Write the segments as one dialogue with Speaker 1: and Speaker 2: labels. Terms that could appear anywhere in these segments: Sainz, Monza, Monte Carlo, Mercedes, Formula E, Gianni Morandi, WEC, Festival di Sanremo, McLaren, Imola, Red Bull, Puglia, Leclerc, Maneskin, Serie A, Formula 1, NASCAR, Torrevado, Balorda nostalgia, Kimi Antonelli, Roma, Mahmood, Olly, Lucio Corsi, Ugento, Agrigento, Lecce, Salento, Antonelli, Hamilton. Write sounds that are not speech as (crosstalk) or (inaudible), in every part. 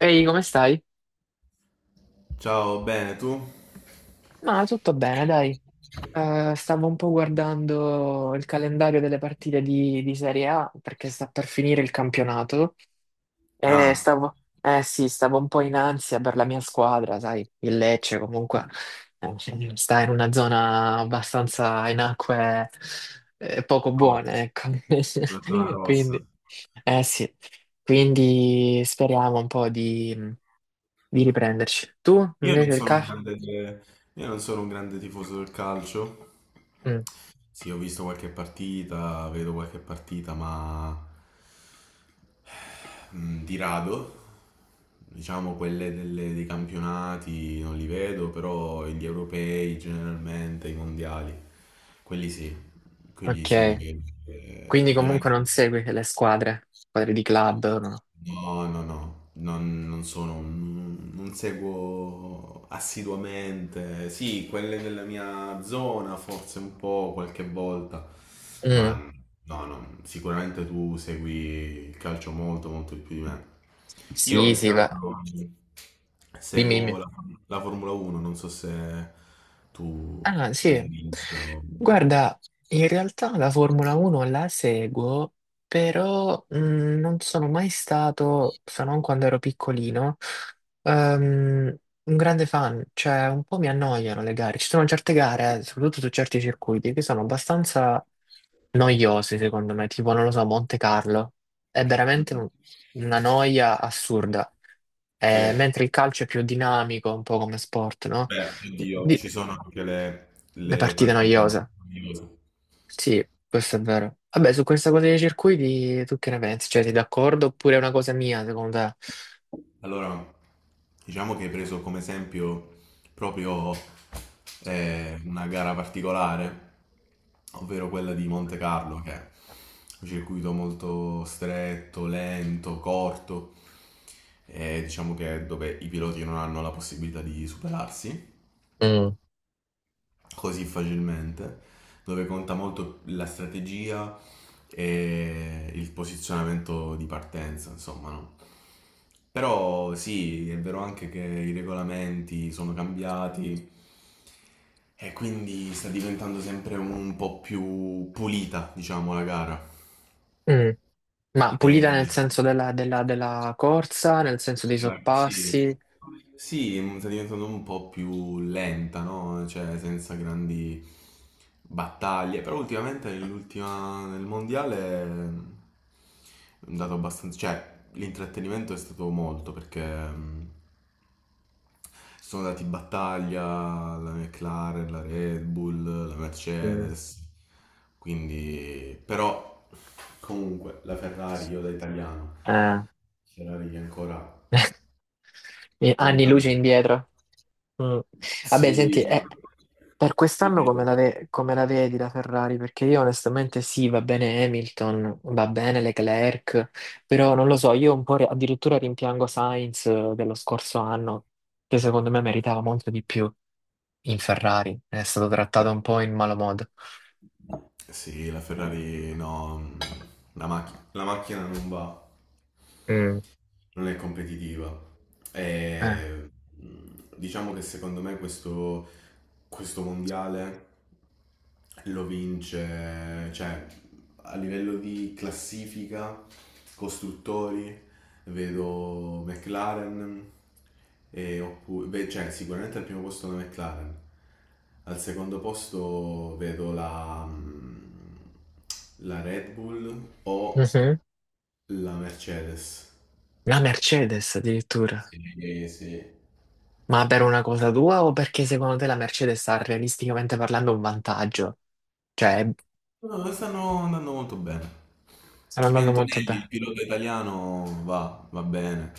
Speaker 1: Ehi, come stai?
Speaker 2: Ciao, bene, tu?
Speaker 1: Ma tutto bene, dai. Stavo un po' guardando il calendario delle partite di Serie A perché sta per finire il campionato e
Speaker 2: Ah,
Speaker 1: stavo, eh sì, stavo un po' in ansia per la mia squadra, sai, il Lecce comunque eh, sta in una zona abbastanza in acque poco buone, ecco.
Speaker 2: la tua
Speaker 1: (laughs)
Speaker 2: rossa.
Speaker 1: Quindi, eh sì, quindi speriamo un po' di riprenderci. Tu,
Speaker 2: Io non
Speaker 1: invece, il
Speaker 2: sono un
Speaker 1: CAF?
Speaker 2: grande, io non sono un grande tifoso del calcio. Sì, ho visto qualche partita, vedo qualche partita, ma di rado. Diciamo dei campionati non li vedo, però gli europei generalmente, i mondiali, quelli sì, quelli
Speaker 1: Ok,
Speaker 2: sì li vedo.
Speaker 1: quindi comunque
Speaker 2: Ovviamente.
Speaker 1: non segui le squadre di club, no?
Speaker 2: No, no, no, non sono, non seguo assiduamente. Sì, quelle della mia zona forse un po' qualche volta, ma
Speaker 1: Mm.
Speaker 2: no, no, sicuramente tu segui il calcio molto, molto di più di me. Io
Speaker 1: Sì,
Speaker 2: più che
Speaker 1: sì, va.
Speaker 2: altro
Speaker 1: Dimmi,
Speaker 2: seguo
Speaker 1: dimmi.
Speaker 2: la Formula 1, non so se tu
Speaker 1: Ah,
Speaker 2: l'hai
Speaker 1: sì.
Speaker 2: visto.
Speaker 1: Guarda, in realtà la Formula 1 la seguo, però non sono mai stato, se non quando ero piccolino, ehm, un grande fan. Cioè, un po' mi annoiano le gare. Ci sono certe gare, soprattutto su certi circuiti, che sono abbastanza noiosi secondo me, tipo non lo so, Monte Carlo è veramente una noia assurda.
Speaker 2: Sì.
Speaker 1: Mentre il calcio è più dinamico, un po' come sport, no?
Speaker 2: Beh, oddio,
Speaker 1: Di-
Speaker 2: ci sono anche
Speaker 1: le
Speaker 2: le
Speaker 1: partite
Speaker 2: partite
Speaker 1: noiose,
Speaker 2: meravigliose.
Speaker 1: sì, questo è vero. Vabbè, su questa cosa dei circuiti tu che ne pensi? Cioè, sei d'accordo oppure è una cosa mia secondo te?
Speaker 2: Allora, diciamo che hai preso come esempio proprio una gara particolare, ovvero quella di Monte Carlo, che è un circuito molto stretto, lento, corto, e diciamo che è dove i piloti non hanno la possibilità di superarsi
Speaker 1: Mm.
Speaker 2: così facilmente, dove conta molto la strategia e il posizionamento di partenza, insomma, no? Però sì, è vero anche che i regolamenti sono cambiati e quindi sta diventando sempre un po' più pulita, diciamo, la gara.
Speaker 1: Mm. Ma pulita nel
Speaker 2: E-
Speaker 1: senso della corsa, nel senso dei
Speaker 2: Sì,
Speaker 1: sorpassi.
Speaker 2: sì. Sì, sta diventando un po' più lenta, no? Cioè, senza grandi battaglie. Però nel mondiale è andato abbastanza. Cioè, l'intrattenimento è stato molto perché sono dati in battaglia la McLaren, la Red Bull, la
Speaker 1: Mm.
Speaker 2: Mercedes. Quindi, però, comunque, la Ferrari, io da italiano,
Speaker 1: Eh,
Speaker 2: Ferrari che ancora
Speaker 1: anni luce
Speaker 2: lontano.
Speaker 1: indietro. Mm.
Speaker 2: Sì,
Speaker 1: Vabbè, senti, per quest'anno
Speaker 2: dimmi.
Speaker 1: come come la vedi la Ferrari? Perché io onestamente sì, va bene Hamilton, va bene Leclerc, però non lo so, io addirittura rimpiango Sainz dello scorso anno, che secondo me meritava molto di più in Ferrari, è stato trattato un po' in malo modo.
Speaker 2: Sì, la Ferrari no, la macchina non va,
Speaker 1: Mm.
Speaker 2: non è competitiva.
Speaker 1: Eh.
Speaker 2: E, diciamo che secondo me questo mondiale lo vince, cioè a livello di classifica, costruttori, vedo McLaren, e beh, cioè sicuramente al primo posto la McLaren, al secondo posto vedo la, la Red Bull o
Speaker 1: Mhm.
Speaker 2: la Mercedes.
Speaker 1: La Mercedes addirittura.
Speaker 2: Sì, sì.
Speaker 1: Ma per una cosa tua o perché secondo te la Mercedes ha realisticamente parlando un vantaggio? Cioè,
Speaker 2: No, stanno andando molto bene.
Speaker 1: stanno
Speaker 2: Kimi
Speaker 1: andando molto
Speaker 2: Antonelli, il
Speaker 1: bene.
Speaker 2: pilota italiano, va bene.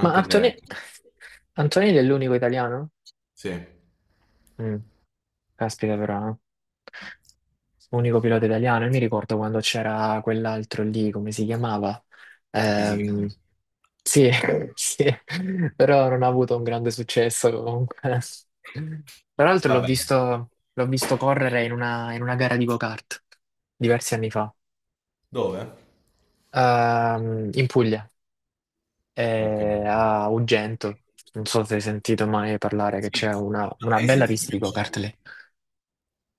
Speaker 1: Ma
Speaker 2: se,
Speaker 1: Antone... Antonelli è l'unico italiano?
Speaker 2: sì,
Speaker 1: Mm, caspita però, eh. Unico pilota italiano. Io mi ricordo quando c'era quell'altro lì, come si chiamava?
Speaker 2: fisicamente.
Speaker 1: Ehm, sì, (laughs) sì, però non ha avuto un grande successo comunque. Tra l'altro
Speaker 2: Va bene.
Speaker 1: l'ho visto correre in una gara di go-kart diversi anni fa.
Speaker 2: Dove?
Speaker 1: In Puglia,
Speaker 2: Ok.
Speaker 1: a Ugento. Non so se hai sentito mai parlare che
Speaker 2: Sì.
Speaker 1: c'è una
Speaker 2: Hai
Speaker 1: bella
Speaker 2: sentito
Speaker 1: pista
Speaker 2: che
Speaker 1: di
Speaker 2: c'è?
Speaker 1: go-kart lì.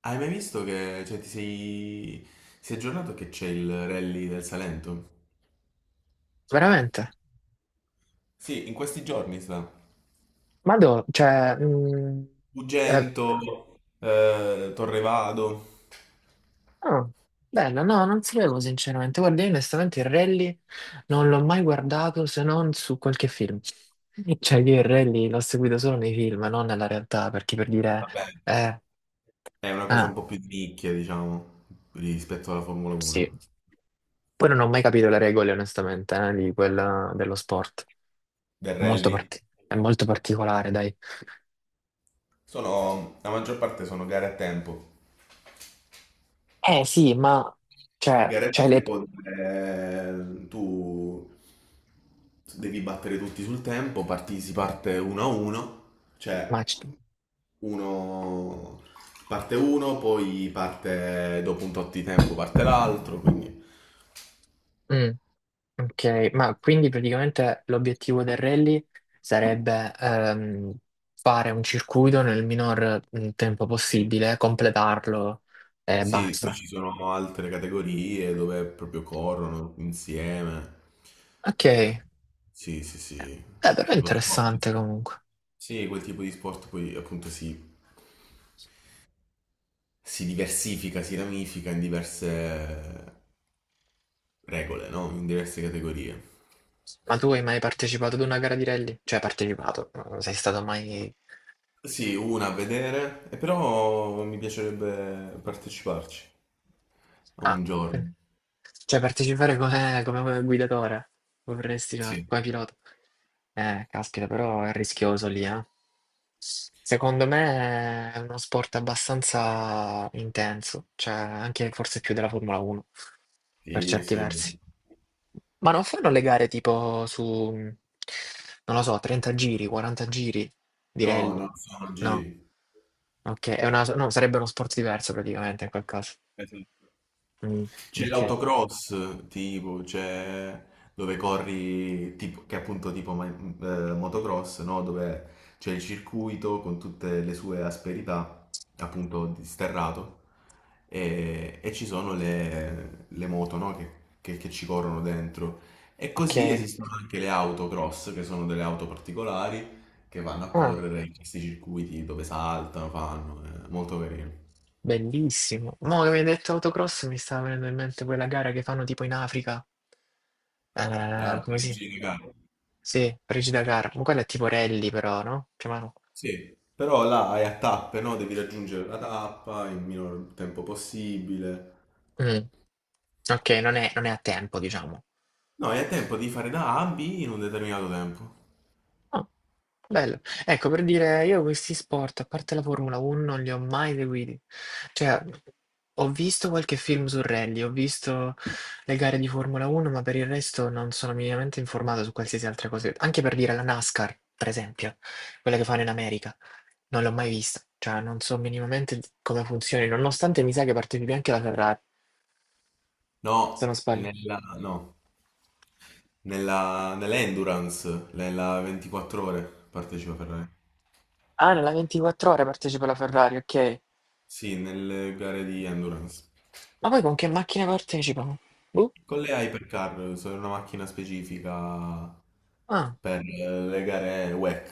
Speaker 2: Hai mai visto che, cioè, si è aggiornato che c'è il rally del Salento?
Speaker 1: Veramente?
Speaker 2: Sì, in questi giorni sta.
Speaker 1: Ma dove? Cioè, eh,
Speaker 2: Ugento, Torrevado.
Speaker 1: ah, bella, no, non sapevo sinceramente. Guarda, io onestamente il rally non l'ho mai guardato se non su qualche film. (laughs) Cioè, io il rally l'ho seguito solo nei film, non nella realtà, perché per dire,
Speaker 2: Va bene.
Speaker 1: eh,
Speaker 2: È una cosa
Speaker 1: ah,
Speaker 2: un po' più di nicchia, diciamo, rispetto alla Formula
Speaker 1: sì.
Speaker 2: 1.
Speaker 1: Poi non ho mai capito le regole, onestamente, di quella, dello sport.
Speaker 2: Del rally?
Speaker 1: È molto particolare, dai.
Speaker 2: Sono, la maggior parte sono gare a tempo.
Speaker 1: Eh sì, ma, cioè,
Speaker 2: Gare a
Speaker 1: c'hai le...
Speaker 2: tempo, tu devi battere tutti sul tempo, parti, si parte uno a uno,
Speaker 1: Ma,
Speaker 2: cioè
Speaker 1: c-
Speaker 2: uno uno, poi parte dopo un tot di tempo parte l'altro, quindi.
Speaker 1: mm. Ok, ma quindi praticamente l'obiettivo del rally sarebbe fare un circuito nel minor tempo
Speaker 2: Sì.
Speaker 1: possibile, completarlo e
Speaker 2: Sì, poi
Speaker 1: basta.
Speaker 2: ci sono altre categorie dove proprio corrono insieme.
Speaker 1: Ok,
Speaker 2: Eh, sì, sì, sì.
Speaker 1: però è
Speaker 2: Lo sport.
Speaker 1: interessante
Speaker 2: Sì,
Speaker 1: comunque.
Speaker 2: sì, quel tipo di sport poi appunto si diversifica, si ramifica in diverse regole, no? In diverse categorie.
Speaker 1: Ma tu hai mai partecipato ad una gara di rally? Cioè, partecipato, non sei stato mai...
Speaker 2: Sì, una a vedere, e però mi piacerebbe parteciparci a
Speaker 1: Ah,
Speaker 2: un
Speaker 1: ok.
Speaker 2: giorno.
Speaker 1: Cioè partecipare come guidatore, vorresti fare,
Speaker 2: Sì,
Speaker 1: come pilota. Caspita, però è rischioso lì, eh. Secondo me è uno sport abbastanza intenso, cioè anche forse più della Formula 1, per
Speaker 2: sì,
Speaker 1: certi
Speaker 2: sì.
Speaker 1: versi. Ma non fanno le gare non lo so, 30 giri, 40 giri di
Speaker 2: No,
Speaker 1: rally?
Speaker 2: no, sono
Speaker 1: No,
Speaker 2: giri.
Speaker 1: ok, è una, no, sarebbe uno sport diverso praticamente in quel caso.
Speaker 2: Esatto.
Speaker 1: Mm,
Speaker 2: C'è
Speaker 1: ok,
Speaker 2: l'autocross, tipo, c'è dove corri, tipo, che è appunto tipo motocross, no? Dove c'è il circuito con tutte le sue asperità, appunto, disterrato, e ci sono le moto, no? Che ci corrono dentro. E
Speaker 1: ok.
Speaker 2: così esistono anche le autocross, che sono delle auto particolari, che vanno a
Speaker 1: Ah,
Speaker 2: correre in questi circuiti dove saltano, fanno, è molto carino.
Speaker 1: bellissimo. Mo' che mi hai detto autocross mi stava venendo in mente quella gara che fanno tipo in Africa.
Speaker 2: Ah,
Speaker 1: Come si?
Speaker 2: Parigi, raga.
Speaker 1: Sì, Frigida Car. Ma quella è tipo rally però, no? Più o meno.
Speaker 2: Sì, però là hai a tappe, no? Devi raggiungere la tappa in minor tempo possibile.
Speaker 1: Mm. Ok, non è a tempo, diciamo.
Speaker 2: No, hai a tempo di fare da A a B in un determinato tempo.
Speaker 1: Ah, bello. Ecco, per dire, io questi sport, a parte la Formula 1, non li ho mai seguiti. Cioè, ho visto qualche film su rally, ho visto le gare di Formula 1, ma per il resto non sono minimamente informato su qualsiasi altra cosa. Anche per dire la NASCAR, per esempio, quella che fanno in America, non l'ho mai vista. Cioè, non so minimamente come funzioni, nonostante mi sa che partecipi anche la Ferrari, se non
Speaker 2: No,
Speaker 1: sbaglio.
Speaker 2: nell'endurance, nella 24 ore partecipa Ferrari.
Speaker 1: Ah, nella 24 ore partecipa la Ferrari, ok.
Speaker 2: Sì, nelle gare di endurance.
Speaker 1: Ma poi con che macchina partecipano? Boh.
Speaker 2: Con le Hypercar, sono una macchina specifica
Speaker 1: Ah.
Speaker 2: per le gare WEC,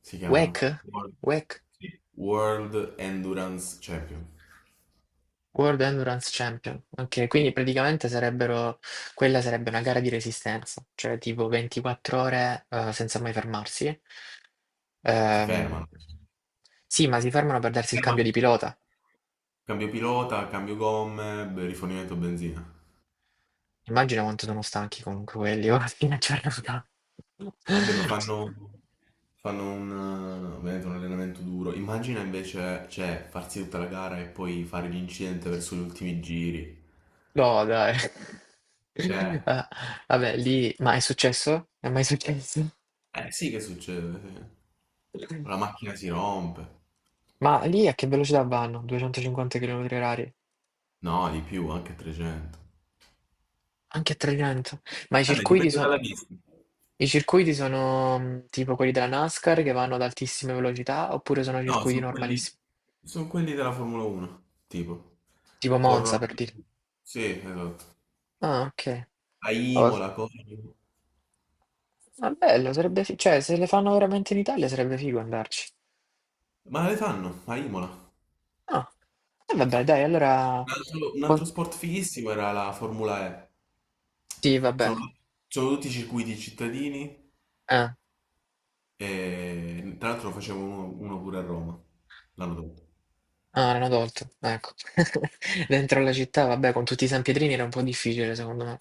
Speaker 2: si
Speaker 1: WEC?
Speaker 2: chiamano. World,
Speaker 1: WEC,
Speaker 2: sì. World Endurance Champion.
Speaker 1: World Endurance Champion. Ok, quindi praticamente sarebbero, quella sarebbe una gara di resistenza, cioè tipo 24 ore senza mai fermarsi.
Speaker 2: Si
Speaker 1: Ehm,
Speaker 2: fermano.
Speaker 1: sì, ma si fermano per darsi il cambio di pilota.
Speaker 2: Cambio pilota, cambio gomme, beh, rifornimento benzina.
Speaker 1: Immagina quanto sono stanchi comunque quelli, (laughs) ora a fine giornata.
Speaker 2: Vabbè, fanno un, ovviamente un allenamento duro. Immagina invece, cioè, farsi tutta la gara e poi fare l'incidente verso gli ultimi giri.
Speaker 1: No, dai. (laughs)
Speaker 2: Cioè,
Speaker 1: Ah, vabbè, lì, ma è successo? È mai successo?
Speaker 2: eh sì che succede, sì. La macchina si rompe.
Speaker 1: Ma lì a che velocità vanno? 250 km orari?
Speaker 2: No, di più, anche 300.
Speaker 1: Anche a Agrigento. Ma
Speaker 2: Vabbè, dipende dalla pista.
Speaker 1: i circuiti sono tipo quelli della NASCAR che vanno ad altissime velocità oppure sono
Speaker 2: No,
Speaker 1: circuiti normalissimi?
Speaker 2: sono quelli della Formula 1, tipo.
Speaker 1: Tipo Monza
Speaker 2: Corrono.
Speaker 1: per dire.
Speaker 2: Sì, esatto.
Speaker 1: Ah, ok.
Speaker 2: A
Speaker 1: Oh,
Speaker 2: Imola, corrono.
Speaker 1: ma bello, sarebbe cioè se le fanno veramente in Italia sarebbe figo andarci.
Speaker 2: Ma le fanno a Imola.
Speaker 1: Ah, e vabbè, dai, allora...
Speaker 2: Un
Speaker 1: poi-
Speaker 2: altro sport fighissimo era la Formula E.
Speaker 1: sì, vabbè.
Speaker 2: Sono, sono tutti circuiti cittadini
Speaker 1: Eh.
Speaker 2: e tra l'altro ne facevo uno pure a Roma l'anno dopo.
Speaker 1: Ah, erano adulti, ecco. (laughs) Dentro la città, vabbè, con tutti i sanpietrini era un po' difficile, secondo me.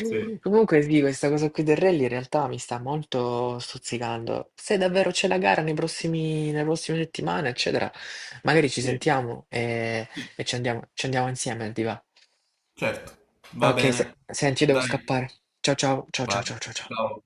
Speaker 2: Sì.
Speaker 1: Comunque sì, questa cosa qui del rally in realtà mi sta molto stuzzicando. Se davvero c'è la gara nei nelle prossime settimane, eccetera, magari ci
Speaker 2: Sì.
Speaker 1: sentiamo
Speaker 2: Sì.
Speaker 1: e ci andiamo insieme, ti va?
Speaker 2: Certo, va
Speaker 1: Ok,
Speaker 2: bene.
Speaker 1: senti, io devo
Speaker 2: Dai,
Speaker 1: scappare. Ciao ciao, ciao ciao
Speaker 2: vai.
Speaker 1: ciao ciao, ciao.
Speaker 2: Ciao.